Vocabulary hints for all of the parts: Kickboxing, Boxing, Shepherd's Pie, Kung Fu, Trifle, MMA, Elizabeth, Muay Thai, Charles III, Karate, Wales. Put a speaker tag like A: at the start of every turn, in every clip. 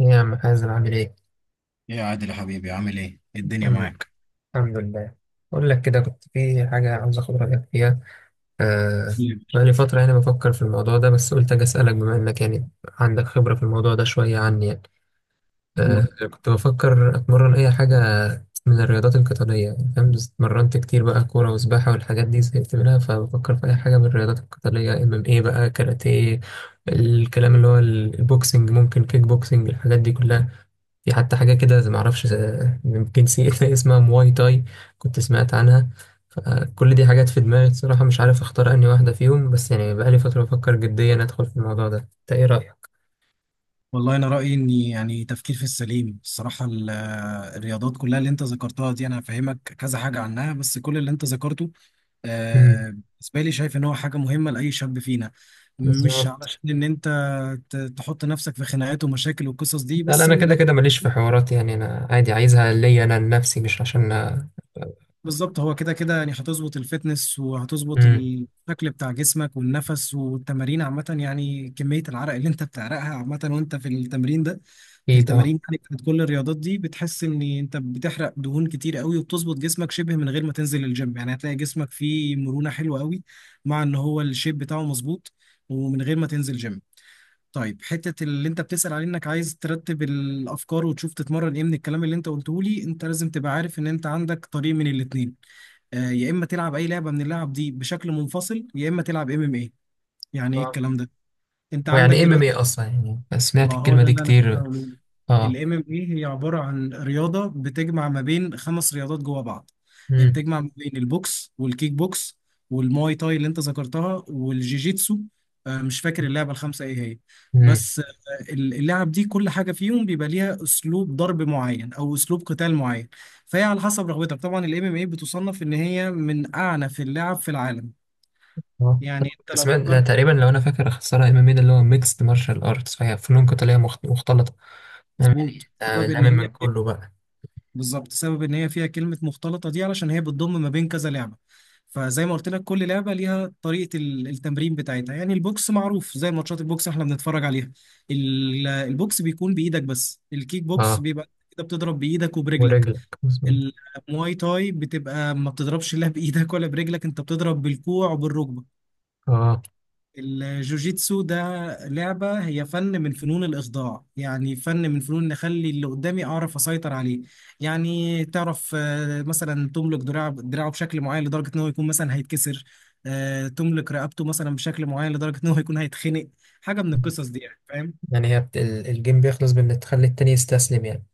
A: إيه يا عم حازم عامل ايه؟
B: ايه يا عادل يا حبيبي؟ عامل ايه؟ إيه الدنيا
A: الحمد
B: معاك؟
A: الحمد لله. بقول لك كده كنت في حاجة عاوز اخد رأيك فيها. آه.
B: طيب،
A: بقالي فترة يعني بفكر في الموضوع ده، بس قلت اجي اسألك بما انك يعني عندك خبرة في الموضوع ده شوية عني يعني. آه
B: قول.
A: كنت بفكر اتمرن اي حاجة من الرياضات القتالية، يعني فاهم، بس اتمرنت كتير بقى كورة وسباحة والحاجات دي زهقت منها، فبفكر في اي حاجة من الرياضات القتالية. ام ام ايه بقى، كاراتيه الكلام اللي هو البوكسنج، ممكن كيك بوكسنج، الحاجات دي كلها. في حتى حاجة كده زي- معرفش زي- يمكن سي اسمها مواي تاي، كنت سمعت عنها. فكل دي حاجات في دماغي الصراحة، مش عارف اختار أنهي واحدة فيهم، بس يعني بقالي فترة بفكر جديا أدخل في الموضوع ده. انت ايه رأيك؟
B: والله انا رايي ان يعني تفكير في السليم الصراحه الرياضات كلها اللي انت ذكرتها دي انا هفهمك كذا حاجه عنها. بس كل اللي انت ذكرته
A: مم.
B: آه، بالنسبه لي شايف ان هو حاجه مهمه لاي شاب فينا. مش
A: بالظبط.
B: علشان ان انت تحط نفسك في خناقات ومشاكل والقصص دي،
A: لا لا،
B: بس
A: أنا
B: من
A: كده
B: الاخر
A: كده ماليش في حوارات، يعني أنا عادي عايزها ليا أنا لنفسي، مش عشان.
B: بالظبط هو كده كده، يعني هتظبط الفتنس وهتظبط
A: امم.
B: الشكل بتاع جسمك والنفس والتمارين عامة. يعني كمية العرق اللي انت بتعرقها عامة وانت في التمرين ده، في
A: أكيد اه.
B: التمارين يعني بتاعت كل الرياضات دي، بتحس ان انت بتحرق دهون كتير قوي وبتظبط جسمك شبه من غير ما تنزل الجيم. يعني هتلاقي جسمك فيه مرونة حلوة قوي، مع ان هو الشيب بتاعه مظبوط ومن غير ما تنزل جيم. طيب حتة اللي انت بتسأل عليه انك عايز ترتب الافكار وتشوف تتمرن ايه، من الكلام اللي انت قلته لي انت لازم تبقى عارف ان انت عندك طريق من الاتنين. آه، يا اما تلعب اي لعبه من اللعب دي بشكل منفصل، يا اما تلعب ام ام اي. يعني ايه
A: آه.
B: الكلام ده؟ انت
A: ويعني
B: عندك
A: إيه ام ام
B: دلوقتي،
A: ايه أصلا؟ يعني سمعت
B: ما هو
A: الكلمة
B: ده
A: دي
B: اللي انا كنت
A: كتير.
B: هقوله،
A: اه.
B: الام ام اي هي عباره عن رياضه بتجمع ما بين خمس رياضات جوه بعض. هي بتجمع ما بين البوكس والكيك بوكس والماي تاي اللي انت ذكرتها والجيجيتسو. آه، مش فاكر
A: امم.
B: اللعبه الخمسه ايه هي، بس آه، اللعب دي كل حاجه فيهم بيبقى ليها اسلوب ضرب معين او اسلوب قتال معين. فهي على حسب رغبتك. طبعا الام ام اي بتصنف ان هي من اعنف اللعب في العالم.
A: اه
B: يعني انت
A: كنت
B: لو
A: سمعت، لا
B: فكرت،
A: تقريبا لو انا فاكر اختصارها ام ام اي، ده اللي هو ميكس مارشال ارتس، فهي فنون قتاليه مختلطه. فاهم يعني.
B: مظبوط،
A: آه،
B: بسبب ان
A: لامم
B: هي،
A: من كله بقى.
B: بالظبط سبب ان هي فيها كلمة مختلطة دي علشان هي بتضم ما بين كذا لعبة. فزي ما قلت لك كل لعبة ليها طريقة التمرين بتاعتها. يعني البوكس معروف، زي ماتشات البوكس احنا بنتفرج عليها، البوكس بيكون بإيدك بس، الكيك بوكس
A: اه،
B: بيبقى كده بتضرب بإيدك وبرجلك.
A: ورجلك مظبوط.
B: المواي تاي بتبقى ما بتضربش لا بإيدك ولا برجلك، انت بتضرب بالكوع وبالركبة.
A: اه.
B: الجوجيتسو ده لعبة هي فن من فنون الإخضاع. يعني فن من فنون إن أخلي اللي قدامي أعرف أسيطر عليه. يعني تعرف آه، مثلا تملك دراع دراعه بشكل معين لدرجة إن هو يكون مثلا هيتكسر. آه، تملك رقبته مثلا بشكل معين لدرجة إن هو يكون هيتخنق. حاجة من القصص دي يعني فاهم.
A: يعني هي بت... الجيم بيخلص بان تخلي التاني يستسلم يعني.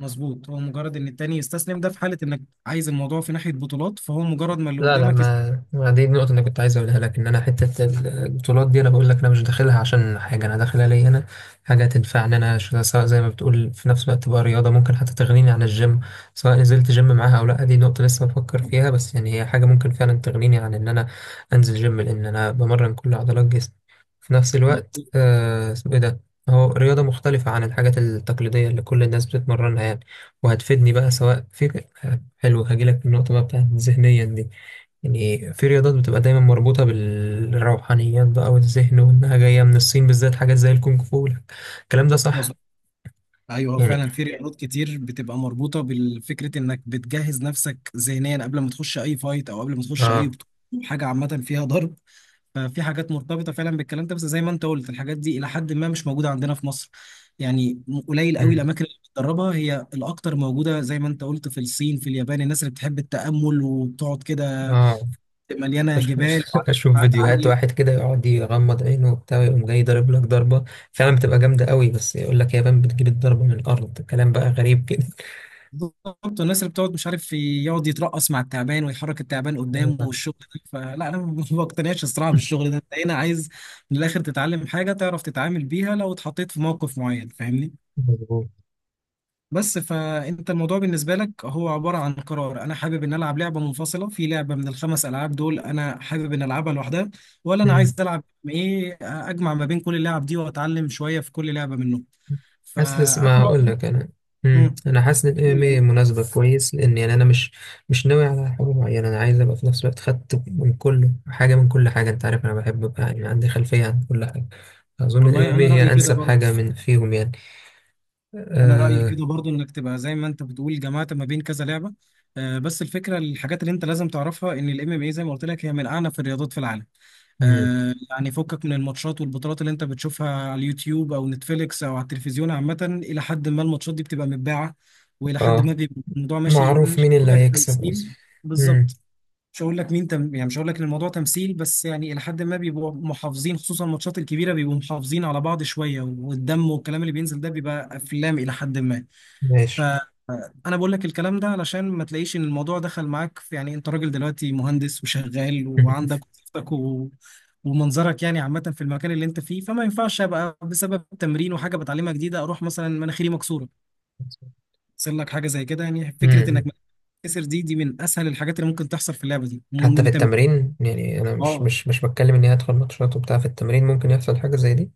B: مظبوط، هو مجرد إن التاني يستسلم ده في حالة إنك عايز الموضوع في ناحية بطولات، فهو مجرد ما اللي
A: لا لا،
B: قدامك
A: ما ما دي النقطة اللي كنت عايز أقولها لك، إن أنا حتة البطولات دي أنا بقول لك أنا مش داخلها عشان حاجة، أنا داخلها ليا أنا. حاجة تنفعني أنا، سواء زي ما بتقول في نفس الوقت تبقى رياضة ممكن حتى تغنيني عن الجيم، سواء نزلت جيم معاها أو لأ دي نقطة لسه بفكر فيها. بس يعني هي حاجة ممكن فعلا تغنيني عن إن أنا أنزل جيم، لأن أنا بمرن كل عضلات جسمي في نفس الوقت. آه، اسمه إيه ده، هو رياضة مختلفة عن الحاجات التقليدية اللي كل الناس بتتمرنها يعني. وهتفيدني بقى سواء في. حلو، هجيلك في النقطة بقى بتاعت ذهنيا دي. يعني في رياضات بتبقى دايما مربوطة بالروحانيات بقى والذهن، وإنها جاية من الصين بالذات، حاجات زي الكونغ فو الكلام ده صح؟
B: مظبوط. ايوه هو
A: يعني
B: فعلا في رياضات كتير بتبقى مربوطه بالفكره انك بتجهز نفسك ذهنيا قبل ما تخش اي فايت او قبل ما تخش اي
A: اه.
B: حاجه عامه فيها ضرب. ففي حاجات مرتبطه فعلا بالكلام ده، بس زي ما انت قلت الحاجات دي الى حد ما مش موجوده عندنا في مصر. يعني قليل قوي
A: مم.
B: الاماكن اللي بتدربها. هي الاكتر موجوده زي ما انت قلت في الصين، في اليابان، الناس اللي بتحب التامل وبتقعد كده،
A: اه.
B: مليانه جبال وعلى
A: أشوف
B: ارتفاعات
A: فيديوهات واحد
B: عاليه.
A: كده يقعد يغمض عينه وبتاع ويقوم جاي ضارب لك ضربة، فعلا بتبقى جامدة قوي، بس يقول لك يا بان بتجيب الضربة من الأرض، كلام بقى غريب كده.
B: بالظبط الناس اللي بتقعد مش عارف يقعد يترقص مع التعبان ويحرك التعبان قدامه والشغل ده، فلا انا ما بقتنعش الصراحه بالشغل ده. انت هنا عايز من الاخر تتعلم حاجه تعرف تتعامل بيها لو اتحطيت في موقف معين، فاهمني.
A: أيوة، مظبوط.
B: بس فانت الموضوع بالنسبه لك هو عباره عن قرار: انا حابب ان العب لعبه منفصله، في لعبه من الخمس العاب دول انا حابب ان العبها لوحدها، ولا انا عايز العب ايه، اجمع ما بين كل اللعب دي واتعلم شويه في كل لعبه منهم.
A: حاسس،
B: فانا
A: ما هقول
B: رايي،
A: لك انا. امم،
B: مم.
A: انا حاسس ان الام ام اي مناسبه كويس، لان يعني انا مش ناوي على حاجه معينه، انا عايز ابقى في نفس الوقت خدت من كل حاجه، من كل حاجه، انت عارف انا بحب ابقى يعني عندي خلفيه عن كل حاجه. اظن الام
B: والله
A: ام اي
B: انا رايي
A: هي
B: كده
A: انسب
B: برضه،
A: حاجه من فيهم يعني.
B: انا رايي
A: اه.
B: كده برضو انك تبقى زي ما انت بتقول جمعت ما بين كذا لعبه. آه، بس الفكره، الحاجات اللي انت لازم تعرفها ان الام ام اي زي ما قلت لك هي من اعنف الرياضات في العالم.
A: امم.
B: آه، يعني فكك من الماتشات والبطولات اللي انت بتشوفها على اليوتيوب او نتفليكس او على التلفزيون عامه. الى حد ما الماتشات دي بتبقى متباعه، والى حد
A: اه.
B: ما بيبقى الموضوع ماشي،
A: معروف
B: مش
A: مين
B: هقول
A: اللي
B: لك
A: هيكسب
B: تمثيل
A: اصلا. امم.
B: بالظبط، مش هقول لك مين يعني مش هقول لك ان الموضوع تمثيل، بس يعني الى حد ما بيبقوا محافظين، خصوصا الماتشات الكبيره بيبقوا محافظين على بعض شويه، والدم والكلام اللي بينزل ده بيبقى افلام الى حد ما.
A: ماشي.
B: فانا بقول لك الكلام ده علشان ما تلاقيش ان الموضوع دخل معاك في، يعني انت راجل دلوقتي مهندس وشغال وعندك وظيفتك ومنظرك يعني عامه في المكان اللي انت فيه، فما ينفعش ابقى بسبب تمرين وحاجه بتعلمها جديده اروح مثلا مناخيري مكسوره. يحصل لك حاجه زي كده. يعني فكره انك
A: امم.
B: مناخيرك تتكسر دي من اسهل الحاجات اللي ممكن تحصل في اللعبه دي
A: حتى في
B: ومن تمرين.
A: التمرين يعني، انا مش
B: اه
A: مش مش بتكلم اني هدخل ماتشات وبتاع، في التمرين ممكن يحصل حاجه زي دي.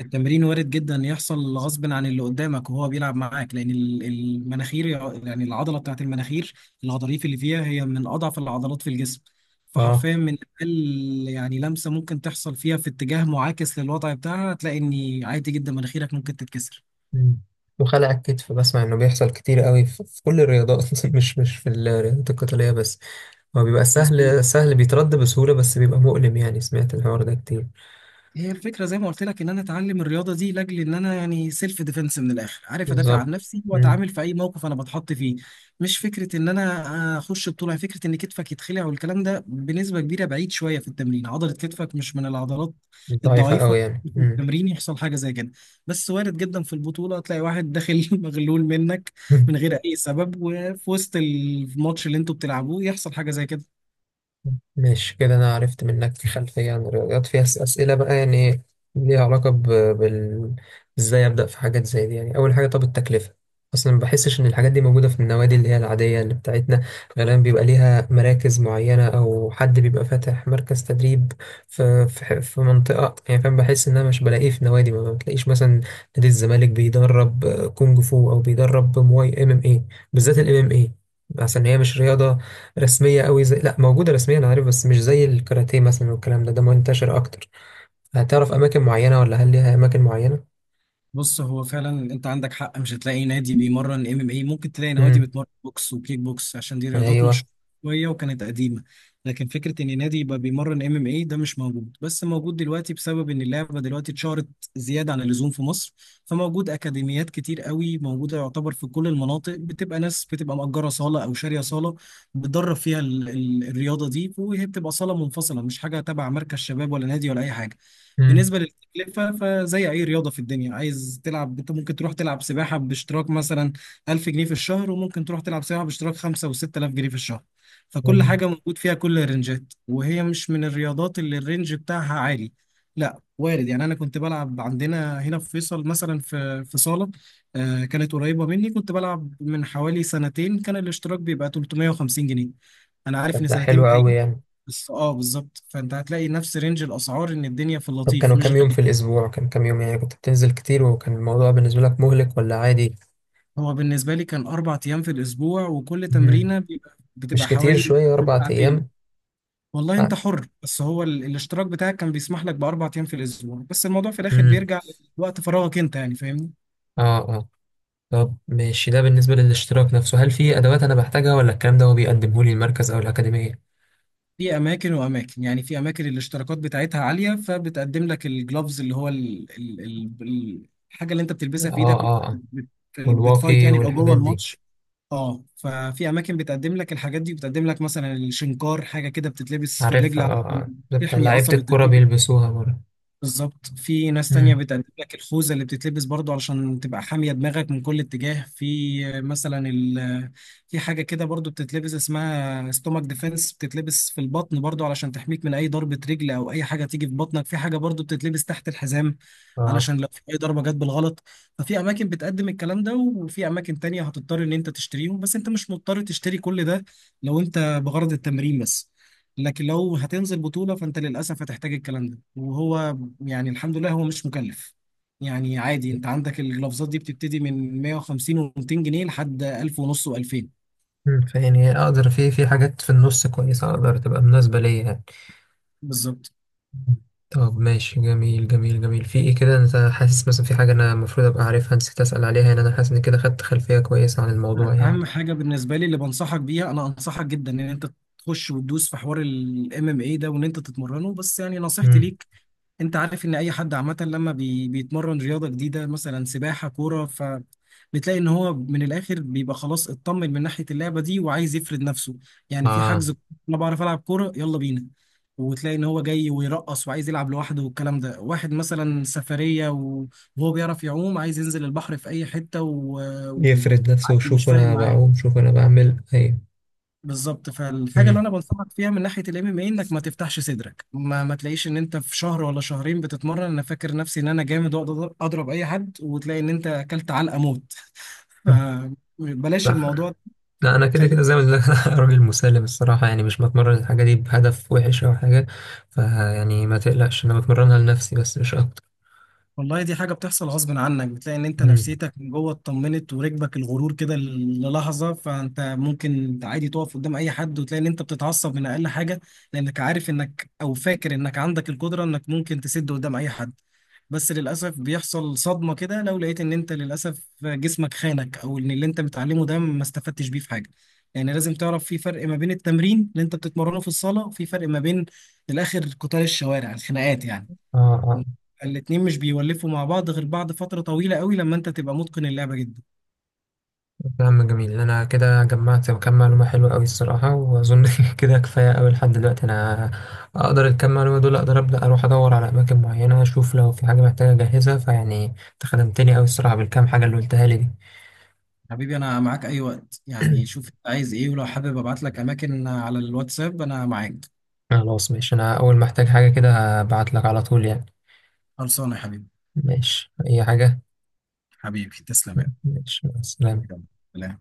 B: التمرين وارد جدا يحصل غصب عن اللي قدامك وهو بيلعب معاك، لان المناخير، يعني العضله بتاعت المناخير، الغضاريف اللي فيها هي من اضعف العضلات في الجسم.
A: اه.
B: فحرفيا من اقل يعني لمسه ممكن تحصل فيها في اتجاه معاكس للوضع بتاعها، هتلاقي ان عادي جدا مناخيرك ممكن تتكسر.
A: مم. وخلع الكتف بسمع انه بيحصل كتير قوي في كل الرياضات، مش في الرياضات القتالية بس. هو بيبقى
B: مظبوط.
A: سهل بيترد بسهولة، بس بيبقى مؤلم يعني، سمعت الحوار ده كتير.
B: هي الفكرة زي ما قلت لك إن أنا أتعلم الرياضة دي لأجل إن أنا يعني سيلف ديفenس من الآخر، عارف أدافع
A: بالظبط.
B: عن نفسي
A: مم.
B: وأتعامل في أي موقف أنا بتحط فيه، مش فكرة إن أنا أخش بطولة. فكرة إن كتفك يتخلع والكلام ده بنسبة كبيرة بعيد شوية في التمرين، عضلة كتفك مش من العضلات
A: ضعيفة
B: الضعيفة.
A: قوي يعني.
B: في
A: مم.
B: التمرين يحصل حاجة زي كده، بس وارد جدا في البطولة تلاقي واحد داخل مغلول منك من غير أي سبب، وفي وسط الماتش اللي أنتوا بتلعبوه يحصل حاجة زي كده.
A: ماشي كده أنا عرفت منك خلفية عن الرياضيات، فيها أسئلة بقى يعني ليها علاقة ب... بال إزاي أبدأ في حاجات زي دي. يعني أول حاجة، طب التكلفة، أصلا ما بحسش إن الحاجات دي موجودة في النوادي اللي هي العادية اللي بتاعتنا. غالبا بيبقى ليها مراكز معينة، أو حد بيبقى فاتح مركز تدريب في منطقة يعني، فاهم؟ بحس إن أنا مش بلاقيه في نوادي، ما بتلاقيش مثلا نادي الزمالك بيدرب آه، كونج فو، أو بيدرب مواي إم إم إيه. بالذات الإم إم إيه، عشان هي مش رياضة رسمية قوي، زي لا موجودة رسميا أنا عارف، بس مش زي الكاراتيه مثلا والكلام ده، ده منتشر أكتر. هتعرف أماكن معينة، ولا هل ليها أماكن معينة؟
B: بص هو فعلا انت عندك حق، مش هتلاقي نادي بيمرن ام ام اي. ممكن تلاقي نوادي
A: امم.
B: بتمرن بوكس وكيك بوكس عشان دي رياضات
A: أيوه.
B: مشهوره شويه وكانت قديمه. لكن فكره ان نادي يبقى بيمرن ام ام اي ده مش موجود، بس موجود دلوقتي بسبب ان اللعبه دلوقتي اتشهرت زياده عن اللزوم في مصر. فموجود اكاديميات كتير قوي موجوده، يعتبر في كل المناطق بتبقى ناس بتبقى مأجره صاله او شاريه صاله بتدرب فيها ال الرياضه دي، وهي بتبقى صاله منفصله مش حاجه تبع مركز شباب ولا نادي ولا اي حاجه.
A: امم.
B: بالنسبة للتكلفة فزي أي رياضة في الدنيا، عايز تلعب، أنت ممكن تروح تلعب سباحة باشتراك مثلا 1000 جنيه في الشهر، وممكن تروح تلعب سباحة باشتراك 5 و6000 جنيه في الشهر. فكل حاجة موجود فيها كل الرنجات، وهي مش من الرياضات اللي الرنج بتاعها عالي. لا وارد، يعني أنا كنت بلعب عندنا هنا في فيصل مثلا في صالة آه، كانت قريبة مني. كنت بلعب من حوالي سنتين، كان الاشتراك بيبقى 350 جنيه. أنا عارف
A: طب
B: إن
A: ده
B: سنتين
A: حلو قوي
B: بعيد،
A: يعني.
B: بس أه بالظبط، فأنت هتلاقي نفس رينج الأسعار إن الدنيا في
A: طب
B: اللطيف
A: كانوا
B: مش
A: كام يوم في
B: غالية.
A: الأسبوع؟ كان كام يوم يعني، كنت بتنزل كتير؟ وكان الموضوع بالنسبة لك مهلك ولا عادي؟
B: هو بالنسبة لي كان أربع أيام في الأسبوع، وكل
A: امم.
B: تمرينة بيبقى بتبقى
A: مش كتير
B: حوالي
A: شوية أربع
B: ساعتين.
A: أيام.
B: والله أنت حر، بس هو الاشتراك بتاعك كان بيسمح لك بأربع أيام في الأسبوع، بس الموضوع في الآخر
A: امم.
B: بيرجع لوقت فراغك أنت يعني، فاهمني.
A: اه اه. طب ماشي، ده بالنسبة للاشتراك نفسه، هل في أدوات أنا بحتاجها، ولا الكلام ده هو بيقدمه لي المركز أو الأكاديمية؟
B: في أماكن وأماكن، يعني في أماكن الاشتراكات بتاعتها عالية، فبتقدم لك الجلوفز اللي هو الحاجة اللي أنت بتلبسها في
A: اه
B: إيدك وأنت
A: اه اه.
B: بتفايت
A: والواقي
B: يعني أو جوه
A: والحاجات دي.
B: الماتش. اه ففي اماكن بتقدم لك الحاجات دي، بتقدم لك مثلا الشنكار، حاجه كده بتتلبس في الرجل
A: عارفها،
B: على،
A: اه اه، بتاع
B: تحمي
A: لعيبة
B: قصبة
A: الكرة
B: الرجل.
A: بيلبسوها برضه.
B: بالظبط. في ناس تانية
A: امم.
B: بتقدم لك الخوذة اللي بتتلبس برضو علشان تبقى حامية دماغك من كل اتجاه. في مثلا في حاجة كده برضو بتتلبس اسمها ستومك ديفense، بتتلبس في البطن برضو علشان تحميك من أي ضربة رجل أو أي حاجة تيجي في بطنك. في حاجة برضو بتتلبس تحت الحزام
A: اه.
B: علشان لو في أي ضربة جت بالغلط. ففي أماكن بتقدم الكلام ده، وفي أماكن تانية هتضطر إن أنت تشتريهم. بس أنت مش مضطر تشتري كل ده لو أنت بغرض التمرين بس، لكن لو هتنزل بطولة فأنت للأسف هتحتاج الكلام ده. وهو يعني الحمد لله هو مش مكلف، يعني عادي انت عندك الجلافزات دي بتبتدي من 150 و200 جنيه لحد 1000 ونص و2000.
A: امم. فيعني اقدر في حاجات في النص كويسة اقدر تبقى مناسبة ليا يعني.
B: بالظبط.
A: مم. طب ماشي، جميل. في ايه كده، انت حاسس مثلا في حاجة انا المفروض ابقى عارفها نسيت اسأل عليها يعني؟ انا حاسس ان كده خدت خلفية كويسة عن الموضوع
B: لا، اهم
A: يعني.
B: حاجه بالنسبه لي اللي بنصحك بيها، انا انصحك جدا ان انت تخش وتدوس في حوار الام ام اي ده، وان انت تتمرنه. بس يعني نصيحتي
A: امم.
B: ليك، انت عارف ان اي حد عامه لما بيتمرن رياضه جديده مثلا سباحه كوره، ف بتلاقي ان هو من الاخر بيبقى خلاص اطمن من ناحيه اللعبه دي وعايز يفرد نفسه. يعني في
A: اه.
B: حجز: انا بعرف العب كوره يلا بينا، وتلاقي ان هو جاي ويرقص وعايز يلعب لوحده والكلام ده. واحد مثلا سفريه وهو بيعرف يعوم عايز ينزل البحر في اي حته
A: يفرد نفسه
B: وعادي مش
A: وشوف
B: فارق
A: انا
B: معاه.
A: بعوم شوف انا بعمل. ايوه.
B: بالظبط، فالحاجه اللي
A: امم.
B: انا بنصحك فيها من ناحيه الام ام اي انك ما تفتحش صدرك، ما تلاقيش ان انت في شهر ولا شهرين بتتمرن انا فاكر نفسي ان انا جامد واقدر اضرب اي حد، وتلاقي ان انت اكلت علقه موت. فبلاش
A: لا
B: الموضوع ده.
A: لا، انا كده
B: خليك.
A: كده زي ما قلت لك، انا راجل مسالم الصراحه يعني، مش بتمرن الحاجه دي بهدف وحش او حاجه. فيعني ما تقلقش، انا بتمرنها لنفسي بس مش اكتر.
B: والله دي حاجة بتحصل غصب عنك، بتلاقي ان انت
A: امم.
B: نفسيتك من جوه اتطمنت وركبك الغرور كده للحظة، فانت ممكن عادي تقف قدام اي حد وتلاقي ان انت بتتعصب من اقل حاجة، لانك عارف انك او فاكر انك عندك القدرة انك ممكن تسد قدام اي حد. بس للأسف بيحصل صدمة كده لو لقيت ان انت للأسف جسمك خانك، او ان اللي انت متعلمه ده ما استفدتش بيه في حاجة. يعني لازم تعرف في فرق ما بين التمرين اللي انت بتتمرنه في الصالة وفي فرق ما بين، الاخر قتال الشوارع، الخناقات يعني.
A: اه اه.
B: الاتنين مش بيولفوا مع بعض غير بعد فترة طويلة قوي لما انت تبقى متقن اللعبة جدا.
A: كلام جميل، انا كده جمعت كام معلومه حلوه قوي الصراحه، واظن كده كفايه قوي لحد دلوقتي. انا اقدر الكام معلومه دول اقدر ابدا اروح ادور على اماكن معينه، اشوف لو في حاجه محتاجه اجهزها. فيعني انت خدمتني قوي الصراحه بالكام حاجه اللي قلتها لي دي.
B: حبيبي انا معاك اي وقت، يعني شوف انت عايز ايه، ولو حابب ابعت لك اماكن على الواتساب انا معاك.
A: خلاص ماشي، انا اول ما احتاج حاجه كده هبعت لك على طول يعني.
B: خلصانة يا حبيبي.
A: ماشي اي حاجه.
B: حبيبي تسلم يا
A: ماشي، مع السلامة.
B: حبيبي. يلا.